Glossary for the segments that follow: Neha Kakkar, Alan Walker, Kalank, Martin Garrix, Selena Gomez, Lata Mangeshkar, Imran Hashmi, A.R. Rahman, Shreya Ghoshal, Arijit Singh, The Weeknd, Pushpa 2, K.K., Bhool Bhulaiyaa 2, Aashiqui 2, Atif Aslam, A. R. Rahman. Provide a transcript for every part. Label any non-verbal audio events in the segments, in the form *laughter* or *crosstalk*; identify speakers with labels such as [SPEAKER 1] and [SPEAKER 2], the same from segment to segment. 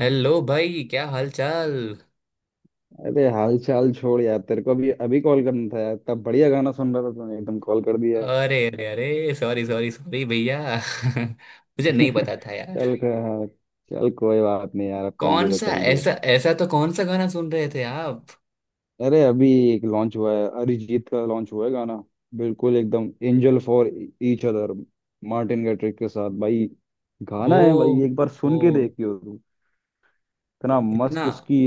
[SPEAKER 1] Hello भाई क्या हाल चाल।
[SPEAKER 2] अरे हाल चाल छोड़ यार, तेरे को अभी अभी कॉल करना था यार, तब बढ़िया गाना सुन रहा था, तूने एकदम कॉल कर दिया।
[SPEAKER 1] अरे अरे अरे सॉरी सॉरी सॉरी भैया *laughs* मुझे नहीं पता था
[SPEAKER 2] *laughs*
[SPEAKER 1] यार।
[SPEAKER 2] हाँ, चल कोई बात नहीं यार, अब कर ली
[SPEAKER 1] कौन
[SPEAKER 2] तो
[SPEAKER 1] सा
[SPEAKER 2] कर ली।
[SPEAKER 1] ऐसा ऐसा तो कौन सा गाना सुन रहे थे आप?
[SPEAKER 2] अरे अभी एक लॉन्च हुआ है, अरिजीत का लॉन्च हुआ है गाना। बिल्कुल एकदम angel for each other, Martin Garrix के साथ भाई।
[SPEAKER 1] ओ।
[SPEAKER 2] गाना है भाई, एक बार
[SPEAKER 1] ओ।
[SPEAKER 2] सुन के देखियो तू। इतना
[SPEAKER 1] इतना।
[SPEAKER 2] मस्त उसकी,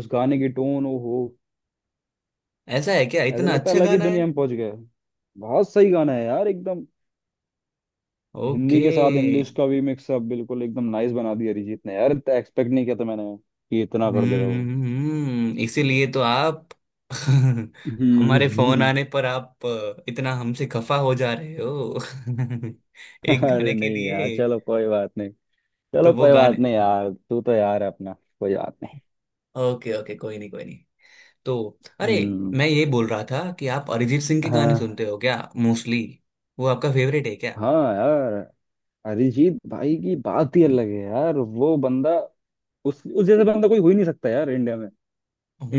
[SPEAKER 2] उस गाने की टोन, ओ हो।
[SPEAKER 1] ऐसा है क्या,
[SPEAKER 2] ऐसा
[SPEAKER 1] इतना
[SPEAKER 2] लगता है
[SPEAKER 1] अच्छा
[SPEAKER 2] अलग ही
[SPEAKER 1] गाना है?
[SPEAKER 2] दुनिया में पहुंच गया। बहुत सही गाना है यार एकदम। हिंदी
[SPEAKER 1] ओके।
[SPEAKER 2] के साथ इंग्लिश का भी मिक्सअप बिल्कुल एकदम नाइस बना दिया अरिजीत ने यार। इतना एक्सपेक्ट नहीं किया था मैंने कि इतना कर देगा वो।
[SPEAKER 1] इसीलिए तो आप *laughs* हमारे फोन
[SPEAKER 2] हम्म।
[SPEAKER 1] आने पर आप इतना हमसे खफा हो जा रहे हो? *laughs*
[SPEAKER 2] *laughs*
[SPEAKER 1] एक
[SPEAKER 2] अरे
[SPEAKER 1] गाने के
[SPEAKER 2] नहीं यार,
[SPEAKER 1] लिए?
[SPEAKER 2] चलो कोई बात नहीं।
[SPEAKER 1] तो
[SPEAKER 2] चलो
[SPEAKER 1] वो
[SPEAKER 2] कोई बात
[SPEAKER 1] गाने।
[SPEAKER 2] नहीं यार, तू तो यार है अपना। कोई बात नहीं।
[SPEAKER 1] ओके ओके, कोई नहीं कोई नहीं। तो अरे,
[SPEAKER 2] हम्म।
[SPEAKER 1] मैं ये बोल रहा था कि आप अरिजीत सिंह के गाने
[SPEAKER 2] हाँ।
[SPEAKER 1] सुनते हो क्या मोस्टली? वो आपका फेवरेट है क्या?
[SPEAKER 2] हाँ यार, अरिजीत भाई की बात ही अलग है यार। वो बंदा, उस जैसे बंदा कोई हो ही नहीं सकता यार इंडिया में।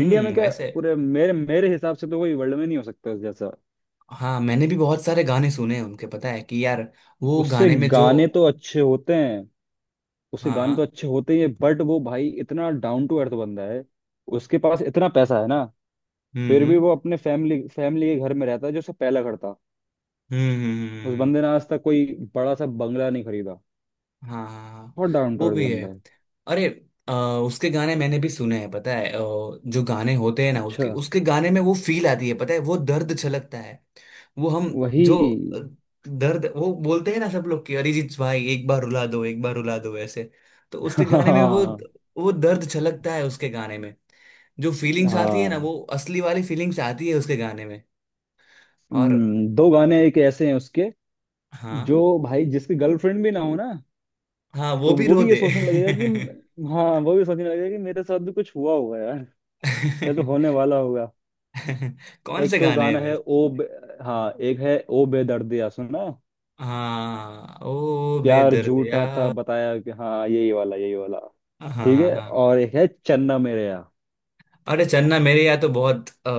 [SPEAKER 2] इंडिया में क्या,
[SPEAKER 1] वैसे।
[SPEAKER 2] पूरे मेरे मेरे हिसाब से तो कोई वर्ल्ड में नहीं हो सकता उस जैसा।
[SPEAKER 1] हाँ, मैंने भी बहुत सारे गाने सुने हैं उनके, पता है कि यार वो
[SPEAKER 2] उसके
[SPEAKER 1] गाने में जो
[SPEAKER 2] गाने तो अच्छे होते हैं। उसके गाने तो
[SPEAKER 1] हाँ।
[SPEAKER 2] अच्छे होते ही है, बट वो भाई इतना डाउन टू अर्थ बंदा है। उसके पास इतना पैसा है ना,
[SPEAKER 1] हम्म
[SPEAKER 2] फिर
[SPEAKER 1] हम्म
[SPEAKER 2] भी
[SPEAKER 1] हम्म
[SPEAKER 2] वो अपने फैमिली फैमिली के घर में रहता है जो उसका पहला घर था।
[SPEAKER 1] हम्म, हम्म,
[SPEAKER 2] उस
[SPEAKER 1] हम्म, हम्म।
[SPEAKER 2] बंदे ने आज तक कोई बड़ा सा बंगला नहीं खरीदा।
[SPEAKER 1] हाँ हाँ, हाँ,
[SPEAKER 2] बहुत डाउन टू
[SPEAKER 1] वो
[SPEAKER 2] अर्थ
[SPEAKER 1] भी है।
[SPEAKER 2] बंदा है।
[SPEAKER 1] अरे अ, उसके गाने मैंने भी सुने हैं पता है। जो गाने होते हैं ना
[SPEAKER 2] अच्छा।
[SPEAKER 1] उसके उसके गाने में वो फील आती है पता है, वो दर्द छलकता है। वो हम
[SPEAKER 2] वही।
[SPEAKER 1] जो अ, दर्द वो बोलते हैं ना सब लोग कि अरिजीत भाई एक बार रुला दो, एक बार रुला दो ऐसे। तो उसके
[SPEAKER 2] *laughs*
[SPEAKER 1] गाने में वो
[SPEAKER 2] हाँ।
[SPEAKER 1] वो दर्द छलकता है उसके गाने में। जो फीलिंग्स आती है ना,
[SPEAKER 2] हाँ।
[SPEAKER 1] वो असली वाली फीलिंग्स आती है उसके गाने में। और
[SPEAKER 2] दो गाने एक ऐसे हैं उसके,
[SPEAKER 1] हाँ,
[SPEAKER 2] जो भाई जिसकी गर्लफ्रेंड भी ना हो ना,
[SPEAKER 1] हाँ वो
[SPEAKER 2] तो
[SPEAKER 1] भी
[SPEAKER 2] वो
[SPEAKER 1] रो
[SPEAKER 2] भी ये
[SPEAKER 1] दे।
[SPEAKER 2] सोचने लगेगा कि, हाँ वो भी सोचने लगेगा कि मेरे साथ भी कुछ हुआ होगा यार, या तो
[SPEAKER 1] *laughs*
[SPEAKER 2] होने
[SPEAKER 1] *laughs*
[SPEAKER 2] वाला होगा।
[SPEAKER 1] कौन से
[SPEAKER 2] एक तो
[SPEAKER 1] गाने हैं?
[SPEAKER 2] गाना है ओ हाँ, एक है ओ बेदर्दिया, सुना है?
[SPEAKER 1] हाँ, ओ
[SPEAKER 2] प्यार
[SPEAKER 1] बेदर्द
[SPEAKER 2] झूठा था
[SPEAKER 1] यार।
[SPEAKER 2] बताया कि, हाँ यही वाला यही वाला।
[SPEAKER 1] हाँ
[SPEAKER 2] ठीक
[SPEAKER 1] हाँ।
[SPEAKER 2] है,
[SPEAKER 1] हाँ
[SPEAKER 2] और एक है चन्ना मेरेया।
[SPEAKER 1] अरे, चन्ना मेरे यहाँ तो बहुत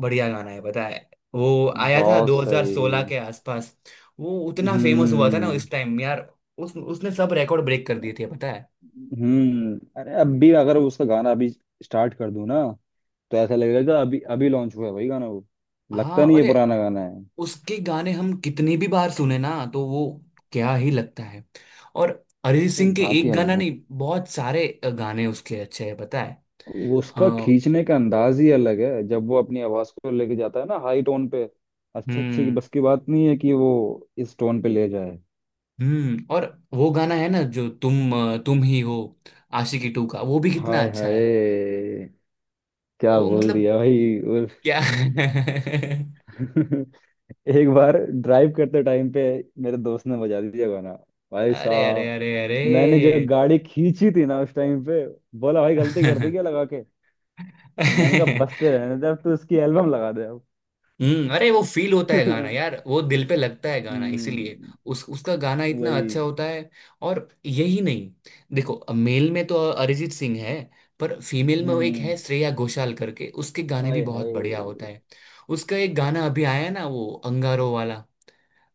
[SPEAKER 1] बढ़िया गाना है पता है। वो आया था
[SPEAKER 2] बहुत
[SPEAKER 1] 2016
[SPEAKER 2] सही।
[SPEAKER 1] के आसपास। वो उतना फेमस हुआ था ना
[SPEAKER 2] हम्म।
[SPEAKER 1] उस टाइम यार। उस उसने सब रिकॉर्ड ब्रेक कर दिए थे पता है।
[SPEAKER 2] हम्म, अरे अभी अगर उसका गाना अभी स्टार्ट कर दूं ना, तो ऐसा लगेगा कि अभी अभी लॉन्च हुआ है भाई गाना वो। लगता
[SPEAKER 1] हाँ
[SPEAKER 2] नहीं है
[SPEAKER 1] अरे,
[SPEAKER 2] पुराना गाना है।
[SPEAKER 1] उसके गाने हम कितनी भी बार सुने ना, तो वो क्या ही लगता है। और अरिजीत
[SPEAKER 2] अरे
[SPEAKER 1] सिंह के
[SPEAKER 2] बात ही
[SPEAKER 1] एक
[SPEAKER 2] अलग
[SPEAKER 1] गाना
[SPEAKER 2] है।
[SPEAKER 1] नहीं, बहुत सारे गाने उसके अच्छे हैं पता है।
[SPEAKER 2] उसका
[SPEAKER 1] अ,
[SPEAKER 2] खींचने का अंदाज ही अलग है, जब वो अपनी आवाज को लेके जाता है ना हाई टोन पे। अच्छे अच्छे की
[SPEAKER 1] हम्म
[SPEAKER 2] बस की बात नहीं है कि वो इस टोन पे ले जाए।
[SPEAKER 1] और वो गाना है ना जो तुम तुम ही हो, आशिकी टू का, वो भी कितना
[SPEAKER 2] हाय
[SPEAKER 1] अच्छा है।
[SPEAKER 2] हाय, क्या
[SPEAKER 1] वो
[SPEAKER 2] बोल
[SPEAKER 1] मतलब
[SPEAKER 2] दिया भाई
[SPEAKER 1] क्या। *laughs*
[SPEAKER 2] *laughs* एक बार ड्राइव करते टाइम पे मेरे दोस्त ने बजा दिया गाना। भाई
[SPEAKER 1] अरे अरे
[SPEAKER 2] साहब,
[SPEAKER 1] अरे अरे
[SPEAKER 2] मैंने जब गाड़ी खींची थी ना उस टाइम पे, बोला भाई गलती कर दी क्या
[SPEAKER 1] *laughs*
[SPEAKER 2] लगा के। मैंने कहा बसते रहने दे, अब तो उसकी एल्बम लगा दे अब।
[SPEAKER 1] अरे वो फील होता है
[SPEAKER 2] *laughs*
[SPEAKER 1] गाना यार, वो दिल पे लगता है गाना, इसीलिए
[SPEAKER 2] हम्म।
[SPEAKER 1] उस उसका गाना इतना
[SPEAKER 2] वही।
[SPEAKER 1] अच्छा होता है। और यही नहीं, देखो, मेल में तो अरिजीत सिंह है, पर फीमेल में वो
[SPEAKER 2] हम्म।
[SPEAKER 1] एक
[SPEAKER 2] हम्म।
[SPEAKER 1] है श्रेया घोषाल करके, उसके गाने भी
[SPEAKER 2] आए
[SPEAKER 1] बहुत बढ़िया होता
[SPEAKER 2] हाय।
[SPEAKER 1] है। उसका एक गाना अभी आया है ना, वो अंगारो वाला,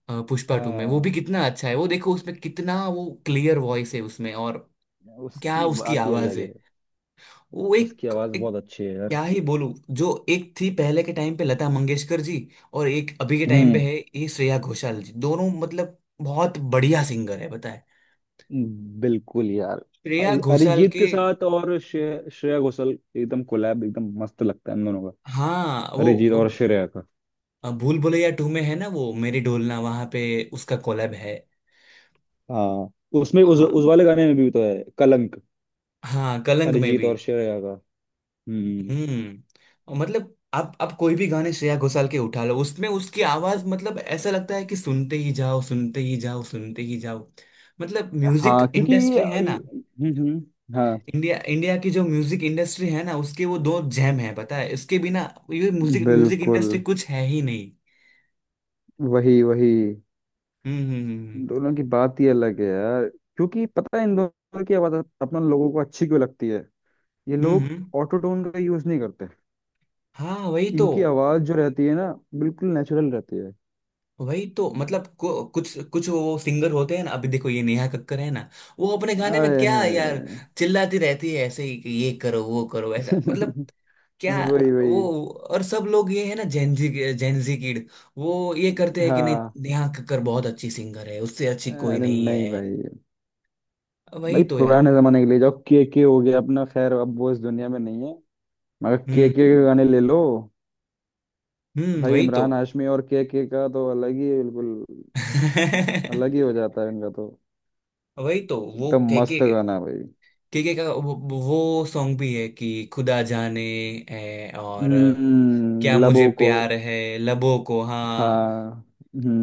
[SPEAKER 1] पुष्पा टू में, वो भी
[SPEAKER 2] हाँ,
[SPEAKER 1] कितना अच्छा है। वो देखो, उसमें कितना वो क्लियर वॉइस है उसमें। और क्या
[SPEAKER 2] उसकी
[SPEAKER 1] उसकी
[SPEAKER 2] बात ही
[SPEAKER 1] आवाज
[SPEAKER 2] अलग
[SPEAKER 1] है।
[SPEAKER 2] है।
[SPEAKER 1] वो
[SPEAKER 2] उसकी
[SPEAKER 1] एक
[SPEAKER 2] आवाज
[SPEAKER 1] एक
[SPEAKER 2] बहुत अच्छी है यार।
[SPEAKER 1] क्या ही बोलूं। जो एक थी पहले के टाइम पे लता मंगेशकर जी, और एक अभी के टाइम पे
[SPEAKER 2] हम्म।
[SPEAKER 1] है ये श्रेया घोषाल जी। दोनों मतलब बहुत बढ़िया सिंगर है बताए।
[SPEAKER 2] बिल्कुल यार।
[SPEAKER 1] श्रेया घोषाल
[SPEAKER 2] अरिजीत
[SPEAKER 1] के
[SPEAKER 2] के साथ और श्रेया घोषाल एकदम कोलैब, एकदम मस्त लगता है इन दोनों का।
[SPEAKER 1] हाँ
[SPEAKER 2] अरिजीत और
[SPEAKER 1] वो
[SPEAKER 2] श्रेया का।
[SPEAKER 1] भूल भुलैया टू में है ना वो मेरी डोलना, वहां पे उसका कोलैब है।
[SPEAKER 2] हाँ, उसमें उस
[SPEAKER 1] हाँ
[SPEAKER 2] उस वाले गाने में भी तो है, कलंक।
[SPEAKER 1] हाँ, कलंक में
[SPEAKER 2] अरिजीत
[SPEAKER 1] भी।
[SPEAKER 2] और श्रेया का। हम्म।
[SPEAKER 1] हम्म। और मतलब आप कोई भी गाने श्रेया घोषाल के उठा लो, उसमें उसकी आवाज मतलब ऐसा लगता है कि सुनते ही जाओ, सुनते ही जाओ, सुनते ही जाओ। मतलब म्यूजिक
[SPEAKER 2] हाँ, क्योंकि,
[SPEAKER 1] इंडस्ट्री है ना,
[SPEAKER 2] हम्म। हम्म। हाँ,
[SPEAKER 1] इंडिया इंडिया की जो म्यूजिक इंडस्ट्री है ना, उसके वो दो जैम है पता है। इसके बिना ये म्यूजिक म्यूजिक
[SPEAKER 2] बिल्कुल।
[SPEAKER 1] इंडस्ट्री कुछ है ही नहीं।
[SPEAKER 2] वही वही।
[SPEAKER 1] हम्म हम्म हम्म
[SPEAKER 2] दोनों की बात ही अलग है यार। क्योंकि पता है इन दोनों की आवाज अपन लोगों को अच्छी क्यों लगती है, ये
[SPEAKER 1] हम्म हम्म,
[SPEAKER 2] लोग
[SPEAKER 1] हम्म।
[SPEAKER 2] ऑटो टोन का यूज नहीं करते।
[SPEAKER 1] हाँ वही तो।
[SPEAKER 2] इनकी आवाज जो रहती है ना, बिल्कुल नेचुरल रहती है।
[SPEAKER 1] वही तो मतलब कुछ कुछ वो सिंगर होते हैं ना, अभी देखो ये नेहा कक्कर है ना, वो अपने गाने में
[SPEAKER 2] आए
[SPEAKER 1] क्या यार
[SPEAKER 2] हैं।
[SPEAKER 1] चिल्लाती रहती है, ऐसे ही कि ये करो वो करो, ऐसा मतलब
[SPEAKER 2] *laughs*
[SPEAKER 1] क्या।
[SPEAKER 2] वही
[SPEAKER 1] वो
[SPEAKER 2] वही।
[SPEAKER 1] और सब लोग, ये है ना जेनजी, जेनजी किड, वो ये करते हैं कि नहीं
[SPEAKER 2] हाँ,
[SPEAKER 1] नेहा कक्कर बहुत अच्छी सिंगर है, उससे अच्छी कोई
[SPEAKER 2] अरे
[SPEAKER 1] नहीं
[SPEAKER 2] नहीं
[SPEAKER 1] है।
[SPEAKER 2] भाई।
[SPEAKER 1] वही
[SPEAKER 2] भाई
[SPEAKER 1] तो यार।
[SPEAKER 2] पुराने जमाने के लिए जाओ, के हो गया अपना, खैर अब वो इस दुनिया में नहीं है, मगर
[SPEAKER 1] हम्म
[SPEAKER 2] के गाने ले लो। भाई
[SPEAKER 1] वही तो।
[SPEAKER 2] इमरान हाशमी और के का तो अलग ही बिल्कुल, अलग ही हो
[SPEAKER 1] *laughs*
[SPEAKER 2] जाता है इनका तो।
[SPEAKER 1] वही तो वो
[SPEAKER 2] एकदम
[SPEAKER 1] कह के
[SPEAKER 2] मस्त गाना है भाई।
[SPEAKER 1] केके का वो सॉन्ग भी है कि खुदा जाने है, और
[SPEAKER 2] हम्म,
[SPEAKER 1] क्या मुझे
[SPEAKER 2] लबों को।
[SPEAKER 1] प्यार है लबों को। हाँ
[SPEAKER 2] हाँ।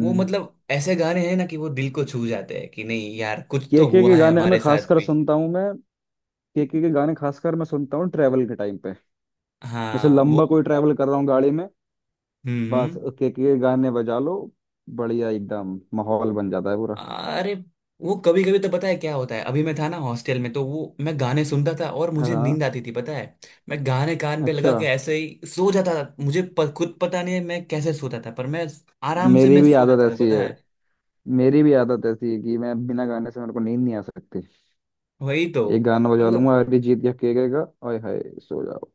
[SPEAKER 1] वो मतलब ऐसे गाने हैं ना, कि वो दिल को छू जाते हैं कि नहीं यार, कुछ तो
[SPEAKER 2] केके के
[SPEAKER 1] हुआ है
[SPEAKER 2] गाने में
[SPEAKER 1] हमारे साथ
[SPEAKER 2] खासकर
[SPEAKER 1] भी।
[SPEAKER 2] सुनता हूँ मैं। केके के गाने खासकर मैं सुनता हूँ ट्रैवल के टाइम पे, जैसे
[SPEAKER 1] हाँ वो
[SPEAKER 2] लंबा कोई ट्रैवल कर रहा हूँ गाड़ी में,
[SPEAKER 1] हम्म
[SPEAKER 2] बस
[SPEAKER 1] हम्म।
[SPEAKER 2] केके के गाने बजा लो, बढ़िया एकदम माहौल बन जाता है पूरा।
[SPEAKER 1] अरे, वो कभी कभी तो पता है क्या होता है, अभी मैं था ना हॉस्टल में, तो वो मैं गाने सुनता था और मुझे
[SPEAKER 2] हाँ।
[SPEAKER 1] नींद आती थी पता है। मैं गाने कान पे लगा
[SPEAKER 2] अच्छा।
[SPEAKER 1] के ऐसे ही सो जाता था, मुझे खुद पता नहीं है मैं कैसे सोता था, पर मैं आराम से
[SPEAKER 2] मेरी
[SPEAKER 1] मैं
[SPEAKER 2] भी
[SPEAKER 1] सो
[SPEAKER 2] आदत
[SPEAKER 1] जाता था
[SPEAKER 2] ऐसी
[SPEAKER 1] पता
[SPEAKER 2] है।
[SPEAKER 1] है।
[SPEAKER 2] मेरी भी आदत ऐसी है कि मैं बिना गाने से मेरे को नींद नहीं आ सकती।
[SPEAKER 1] वही तो
[SPEAKER 2] एक गाना बजा
[SPEAKER 1] मतलब,
[SPEAKER 2] लूंगा अरिजीत या केके का, ओए हाय सो जाओ।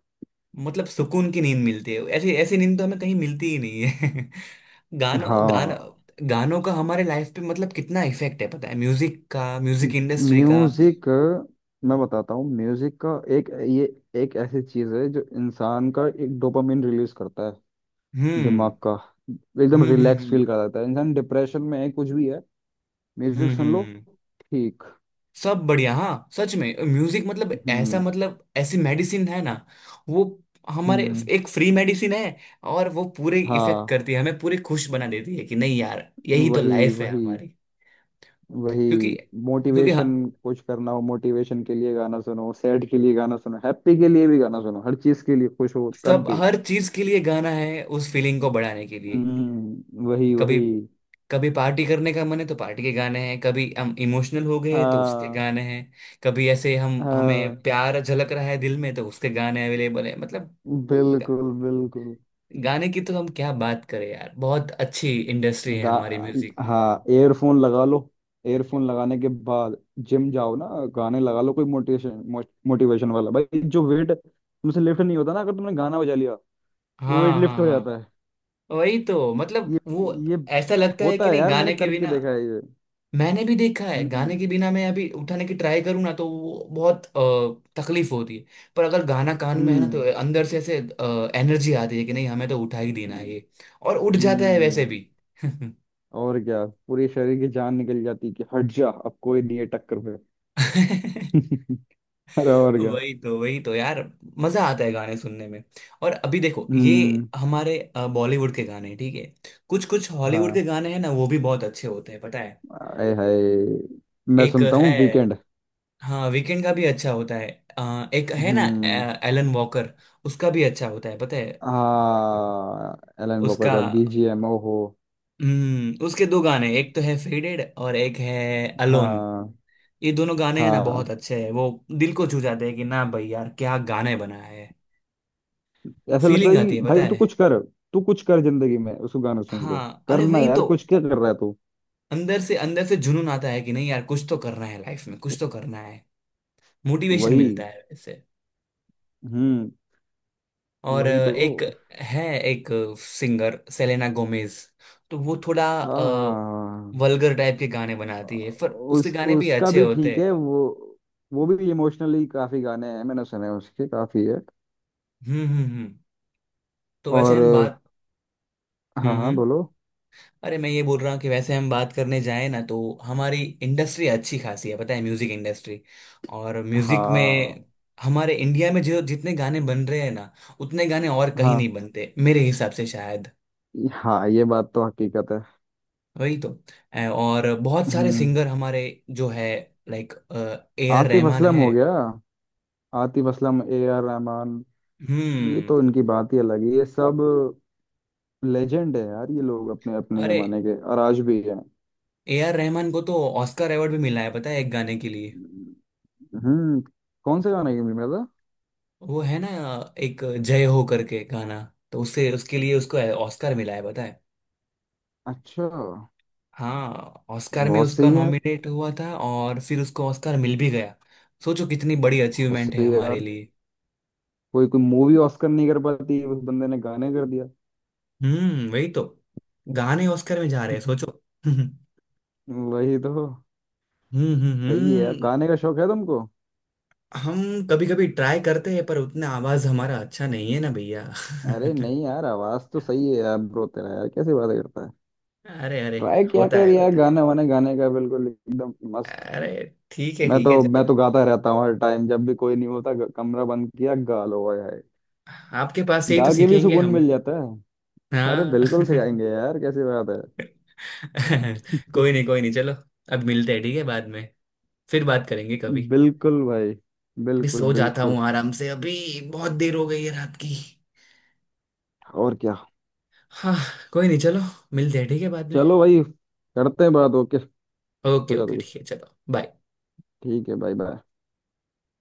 [SPEAKER 1] मतलब सुकून की नींद मिलती है, ऐसी ऐसी नींद तो हमें कहीं मिलती ही नहीं है। *laughs* गानों
[SPEAKER 2] हाँ।
[SPEAKER 1] गानों, गानों का हमारे लाइफ पे मतलब कितना इफेक्ट है पता है, म्यूजिक का, म्यूजिक इंडस्ट्री का।
[SPEAKER 2] म्यूजिक, मैं बताता हूँ म्यूजिक का एक ये, एक ऐसी चीज है जो इंसान का एक डोपामिन रिलीज करता है, दिमाग
[SPEAKER 1] हम्म
[SPEAKER 2] का। एकदम
[SPEAKER 1] हम्म हम्म
[SPEAKER 2] रिलैक्स
[SPEAKER 1] हम्म
[SPEAKER 2] फील कराता है, इंसान डिप्रेशन में है कुछ भी है,
[SPEAKER 1] हम्म
[SPEAKER 2] म्यूजिक सुन
[SPEAKER 1] हम्म।
[SPEAKER 2] लो।
[SPEAKER 1] हम्म।
[SPEAKER 2] ठीक।
[SPEAKER 1] सब बढ़िया। हाँ सच में, म्यूजिक मतलब ऐसा,
[SPEAKER 2] हम्म।
[SPEAKER 1] मतलब ऐसी मेडिसिन है ना वो हमारे,
[SPEAKER 2] हम्म।
[SPEAKER 1] एक फ्री मेडिसिन है, और वो पूरे इफेक्ट
[SPEAKER 2] हाँ
[SPEAKER 1] करती है हमें, पूरे खुश बना देती है, कि नहीं यार यही तो
[SPEAKER 2] वही
[SPEAKER 1] लाइफ है
[SPEAKER 2] वही
[SPEAKER 1] हमारी।
[SPEAKER 2] वही।
[SPEAKER 1] क्योंकि क्योंकि
[SPEAKER 2] मोटिवेशन, कुछ करना हो मोटिवेशन के लिए गाना सुनो, सैड के लिए गाना सुनो, हैप्पी के लिए भी गाना सुनो, हर चीज के लिए, खुश हो तब
[SPEAKER 1] सब
[SPEAKER 2] भी।
[SPEAKER 1] हर चीज के लिए गाना है, उस फीलिंग को बढ़ाने के लिए।
[SPEAKER 2] वही
[SPEAKER 1] कभी
[SPEAKER 2] वही।
[SPEAKER 1] कभी पार्टी करने का मन है तो पार्टी के गाने हैं, कभी हम इमोशनल हो गए तो उसके
[SPEAKER 2] हाँ।
[SPEAKER 1] गाने हैं, कभी ऐसे हम हमें
[SPEAKER 2] हाँ
[SPEAKER 1] प्यार झलक रहा है दिल में, तो उसके गाने अवेलेबल है मतलब। गा,
[SPEAKER 2] बिल्कुल बिल्कुल।
[SPEAKER 1] गाने की तो हम क्या बात करें यार, बहुत अच्छी इंडस्ट्री है
[SPEAKER 2] गा,
[SPEAKER 1] हमारी म्यूजिक की।
[SPEAKER 2] हाँ एयरफोन लगा लो, एयरफोन लगाने के बाद जिम जाओ ना, गाने लगा लो कोई मोटिवेशन, मोटिवेशन वाला भाई। जो वेट तुमसे लिफ्ट नहीं होता ना, अगर तुमने गाना बजा लिया, वो वेट
[SPEAKER 1] हाँ हाँ
[SPEAKER 2] लिफ्ट हो जाता है।
[SPEAKER 1] हाँ। वही तो मतलब
[SPEAKER 2] ये
[SPEAKER 1] वो
[SPEAKER 2] ये
[SPEAKER 1] ऐसा लगता है
[SPEAKER 2] होता
[SPEAKER 1] कि
[SPEAKER 2] है
[SPEAKER 1] नहीं
[SPEAKER 2] यार, मैंने
[SPEAKER 1] गाने के
[SPEAKER 2] करके
[SPEAKER 1] बिना।
[SPEAKER 2] देखा है ये।
[SPEAKER 1] मैंने भी देखा है,
[SPEAKER 2] हम्म।
[SPEAKER 1] गाने के बिना मैं अभी उठाने की ट्राई करूँ ना तो वो बहुत तकलीफ होती है। पर अगर गाना कान में है ना, तो
[SPEAKER 2] हम्म।
[SPEAKER 1] अंदर से ऐसे एनर्जी आती है कि नहीं हमें तो उठा ही देना है ये, और उठ जाता है वैसे
[SPEAKER 2] हम्म।
[SPEAKER 1] भी। *laughs*
[SPEAKER 2] और क्या, पूरे शरीर की जान निकल जाती है कि हट जा, अब कोई नहीं है टक्कर पे। *laughs* अरे और क्या।
[SPEAKER 1] वही तो। वही तो यार, मजा आता है गाने सुनने में। और अभी देखो ये
[SPEAKER 2] हम्म।
[SPEAKER 1] हमारे बॉलीवुड के गाने ठीक है, कुछ कुछ हॉलीवुड के
[SPEAKER 2] हाँ।
[SPEAKER 1] गाने हैं ना, वो भी बहुत अच्छे होते हैं पता है।
[SPEAKER 2] आए हाय, मैं
[SPEAKER 1] एक
[SPEAKER 2] सुनता
[SPEAKER 1] है,
[SPEAKER 2] हूँ वीकेंड।
[SPEAKER 1] हाँ वीकेंड का भी अच्छा होता है। एक है ना,
[SPEAKER 2] हम्म।
[SPEAKER 1] एलन वॉकर, उसका भी अच्छा होता है पता है।
[SPEAKER 2] हाँ, एलन वॉकर
[SPEAKER 1] उसका
[SPEAKER 2] का बीजीएम हो।
[SPEAKER 1] हम्म, उसके दो गाने, एक तो है फेडेड और एक है अलोन।
[SPEAKER 2] हाँ।
[SPEAKER 1] ये दोनों गाने हैं ना
[SPEAKER 2] हाँ,
[SPEAKER 1] बहुत अच्छे हैं वो, दिल को छू जाते हैं कि ना भाई यार क्या गाने बनाया है,
[SPEAKER 2] ऐसा लगता
[SPEAKER 1] फीलिंग
[SPEAKER 2] है
[SPEAKER 1] आती
[SPEAKER 2] कि
[SPEAKER 1] है पता
[SPEAKER 2] भाई तू
[SPEAKER 1] है।
[SPEAKER 2] कुछ कर, तू कुछ कर जिंदगी में उसको गाना सुन के।
[SPEAKER 1] हाँ अरे
[SPEAKER 2] करना
[SPEAKER 1] वही
[SPEAKER 2] यार
[SPEAKER 1] तो,
[SPEAKER 2] कुछ, क्या कर रहा है तू।
[SPEAKER 1] अंदर से जुनून आता है कि नहीं यार, कुछ तो करना है लाइफ में, कुछ तो करना है। मोटिवेशन मिलता
[SPEAKER 2] वही।
[SPEAKER 1] है वैसे।
[SPEAKER 2] हम्म।
[SPEAKER 1] और
[SPEAKER 2] वही तो।
[SPEAKER 1] है एक सिंगर सेलेना गोमेज, तो वो थोड़ा
[SPEAKER 2] हाँ हाँ हाँ।
[SPEAKER 1] वल्गर टाइप के गाने बनाती है, पर उसके
[SPEAKER 2] उस
[SPEAKER 1] गाने भी
[SPEAKER 2] उसका
[SPEAKER 1] अच्छे
[SPEAKER 2] भी
[SPEAKER 1] होते
[SPEAKER 2] ठीक
[SPEAKER 1] हैं।
[SPEAKER 2] है वो भी इमोशनली काफी गाने हैं, मैंने सुने हैं उसके काफी है।
[SPEAKER 1] हम्म हम्म हम्म तो वैसे हम
[SPEAKER 2] और,
[SPEAKER 1] बात
[SPEAKER 2] हाँ
[SPEAKER 1] हम्म
[SPEAKER 2] हाँ
[SPEAKER 1] हम्म
[SPEAKER 2] बोलो।
[SPEAKER 1] अरे, मैं ये बोल रहा हूँ कि वैसे हम बात करने जाए ना, तो हमारी इंडस्ट्री अच्छी खासी है पता है, म्यूजिक इंडस्ट्री। और म्यूजिक में
[SPEAKER 2] हाँ।
[SPEAKER 1] हमारे इंडिया में जो जितने गाने बन रहे हैं ना, उतने गाने और कहीं
[SPEAKER 2] हाँ
[SPEAKER 1] नहीं बनते मेरे हिसाब से शायद।
[SPEAKER 2] हाँ, ये बात तो हकीकत है।
[SPEAKER 1] वही तो। और बहुत सारे
[SPEAKER 2] हम्म।
[SPEAKER 1] सिंगर हमारे जो है, like A R
[SPEAKER 2] Atif
[SPEAKER 1] Rahman है।
[SPEAKER 2] असलम हो गया, आतिफ असलम, ए आर रहमान। ये
[SPEAKER 1] हम्म।
[SPEAKER 2] तो इनकी बात ही अलग है ये सब, लेजेंड है यार ये लोग अपने अपने
[SPEAKER 1] अरे,
[SPEAKER 2] जमाने के, और आज भी हैं।
[SPEAKER 1] A R रहमान को तो ऑस्कर अवार्ड भी मिला है पता है, एक गाने के लिए।
[SPEAKER 2] हम्म। कौन से गाने की मिल रहा
[SPEAKER 1] वो है ना एक जय हो करके गाना, तो उससे उसके लिए उसको ऑस्कर मिला है पता है।
[SPEAKER 2] था? अच्छा।
[SPEAKER 1] हाँ, ऑस्कर में
[SPEAKER 2] बहुत सही
[SPEAKER 1] उसका
[SPEAKER 2] है यार।
[SPEAKER 1] नॉमिनेट हुआ था और फिर उसको ऑस्कर मिल भी गया। सोचो कितनी बड़ी
[SPEAKER 2] बहुत
[SPEAKER 1] अचीवमेंट है
[SPEAKER 2] सही है
[SPEAKER 1] हमारे
[SPEAKER 2] यार।
[SPEAKER 1] लिए।
[SPEAKER 2] कोई कोई मूवी ऑस्कर नहीं कर पाती, उस बंदे ने गाने कर दिया।
[SPEAKER 1] वही तो, गाने ऑस्कर में जा रहे हैं, सोचो।
[SPEAKER 2] *laughs*
[SPEAKER 1] *laughs* हम्म
[SPEAKER 2] वही तो।
[SPEAKER 1] हम्म
[SPEAKER 2] सही है यार,
[SPEAKER 1] हम्म
[SPEAKER 2] गाने का शौक है तुमको।
[SPEAKER 1] हम कभी कभी ट्राई करते हैं, पर उतना आवाज हमारा अच्छा नहीं है ना भैया। *laughs*
[SPEAKER 2] अरे नहीं यार, आवाज तो सही है यार, ब्रो तेरा, यार कैसी बातें करता है।
[SPEAKER 1] अरे अरे,
[SPEAKER 2] ट्राई किया
[SPEAKER 1] होता
[SPEAKER 2] कर
[SPEAKER 1] है
[SPEAKER 2] यार,
[SPEAKER 1] होता है।
[SPEAKER 2] गाने वाने, गाने का बिल्कुल एकदम मस्त।
[SPEAKER 1] अरे
[SPEAKER 2] मैं
[SPEAKER 1] ठीक है
[SPEAKER 2] तो मैं
[SPEAKER 1] चलो,
[SPEAKER 2] तो गाता रहता हूँ हर टाइम, जब भी कोई नहीं होता, कमरा बंद किया गा लो ओए हाय।
[SPEAKER 1] आपके पास से ही तो
[SPEAKER 2] गा के भी
[SPEAKER 1] सीखेंगे
[SPEAKER 2] सुकून
[SPEAKER 1] हम।
[SPEAKER 2] मिल जाता है। अरे
[SPEAKER 1] हाँ।
[SPEAKER 2] बिल्कुल से
[SPEAKER 1] *laughs*
[SPEAKER 2] गाएंगे यार, कैसी बात है।
[SPEAKER 1] कोई नहीं चलो, अब मिलते हैं ठीक है, बाद में फिर बात करेंगे
[SPEAKER 2] *laughs*
[SPEAKER 1] कभी।
[SPEAKER 2] बिल्कुल भाई।
[SPEAKER 1] अभी
[SPEAKER 2] बिल्कुल
[SPEAKER 1] सो जाता
[SPEAKER 2] बिल्कुल।
[SPEAKER 1] हूँ आराम से अभी, बहुत देर हो गई है रात की।
[SPEAKER 2] और क्या।
[SPEAKER 1] हाँ, कोई नहीं चलो, मिलते हैं ठीक है बाद में।
[SPEAKER 2] चलो भाई, करते हैं बात, ओके।
[SPEAKER 1] ओके
[SPEAKER 2] सो जा तू
[SPEAKER 1] ओके
[SPEAKER 2] भी।
[SPEAKER 1] ठीक है चलो, बाय।
[SPEAKER 2] ठीक है, बाय बाय।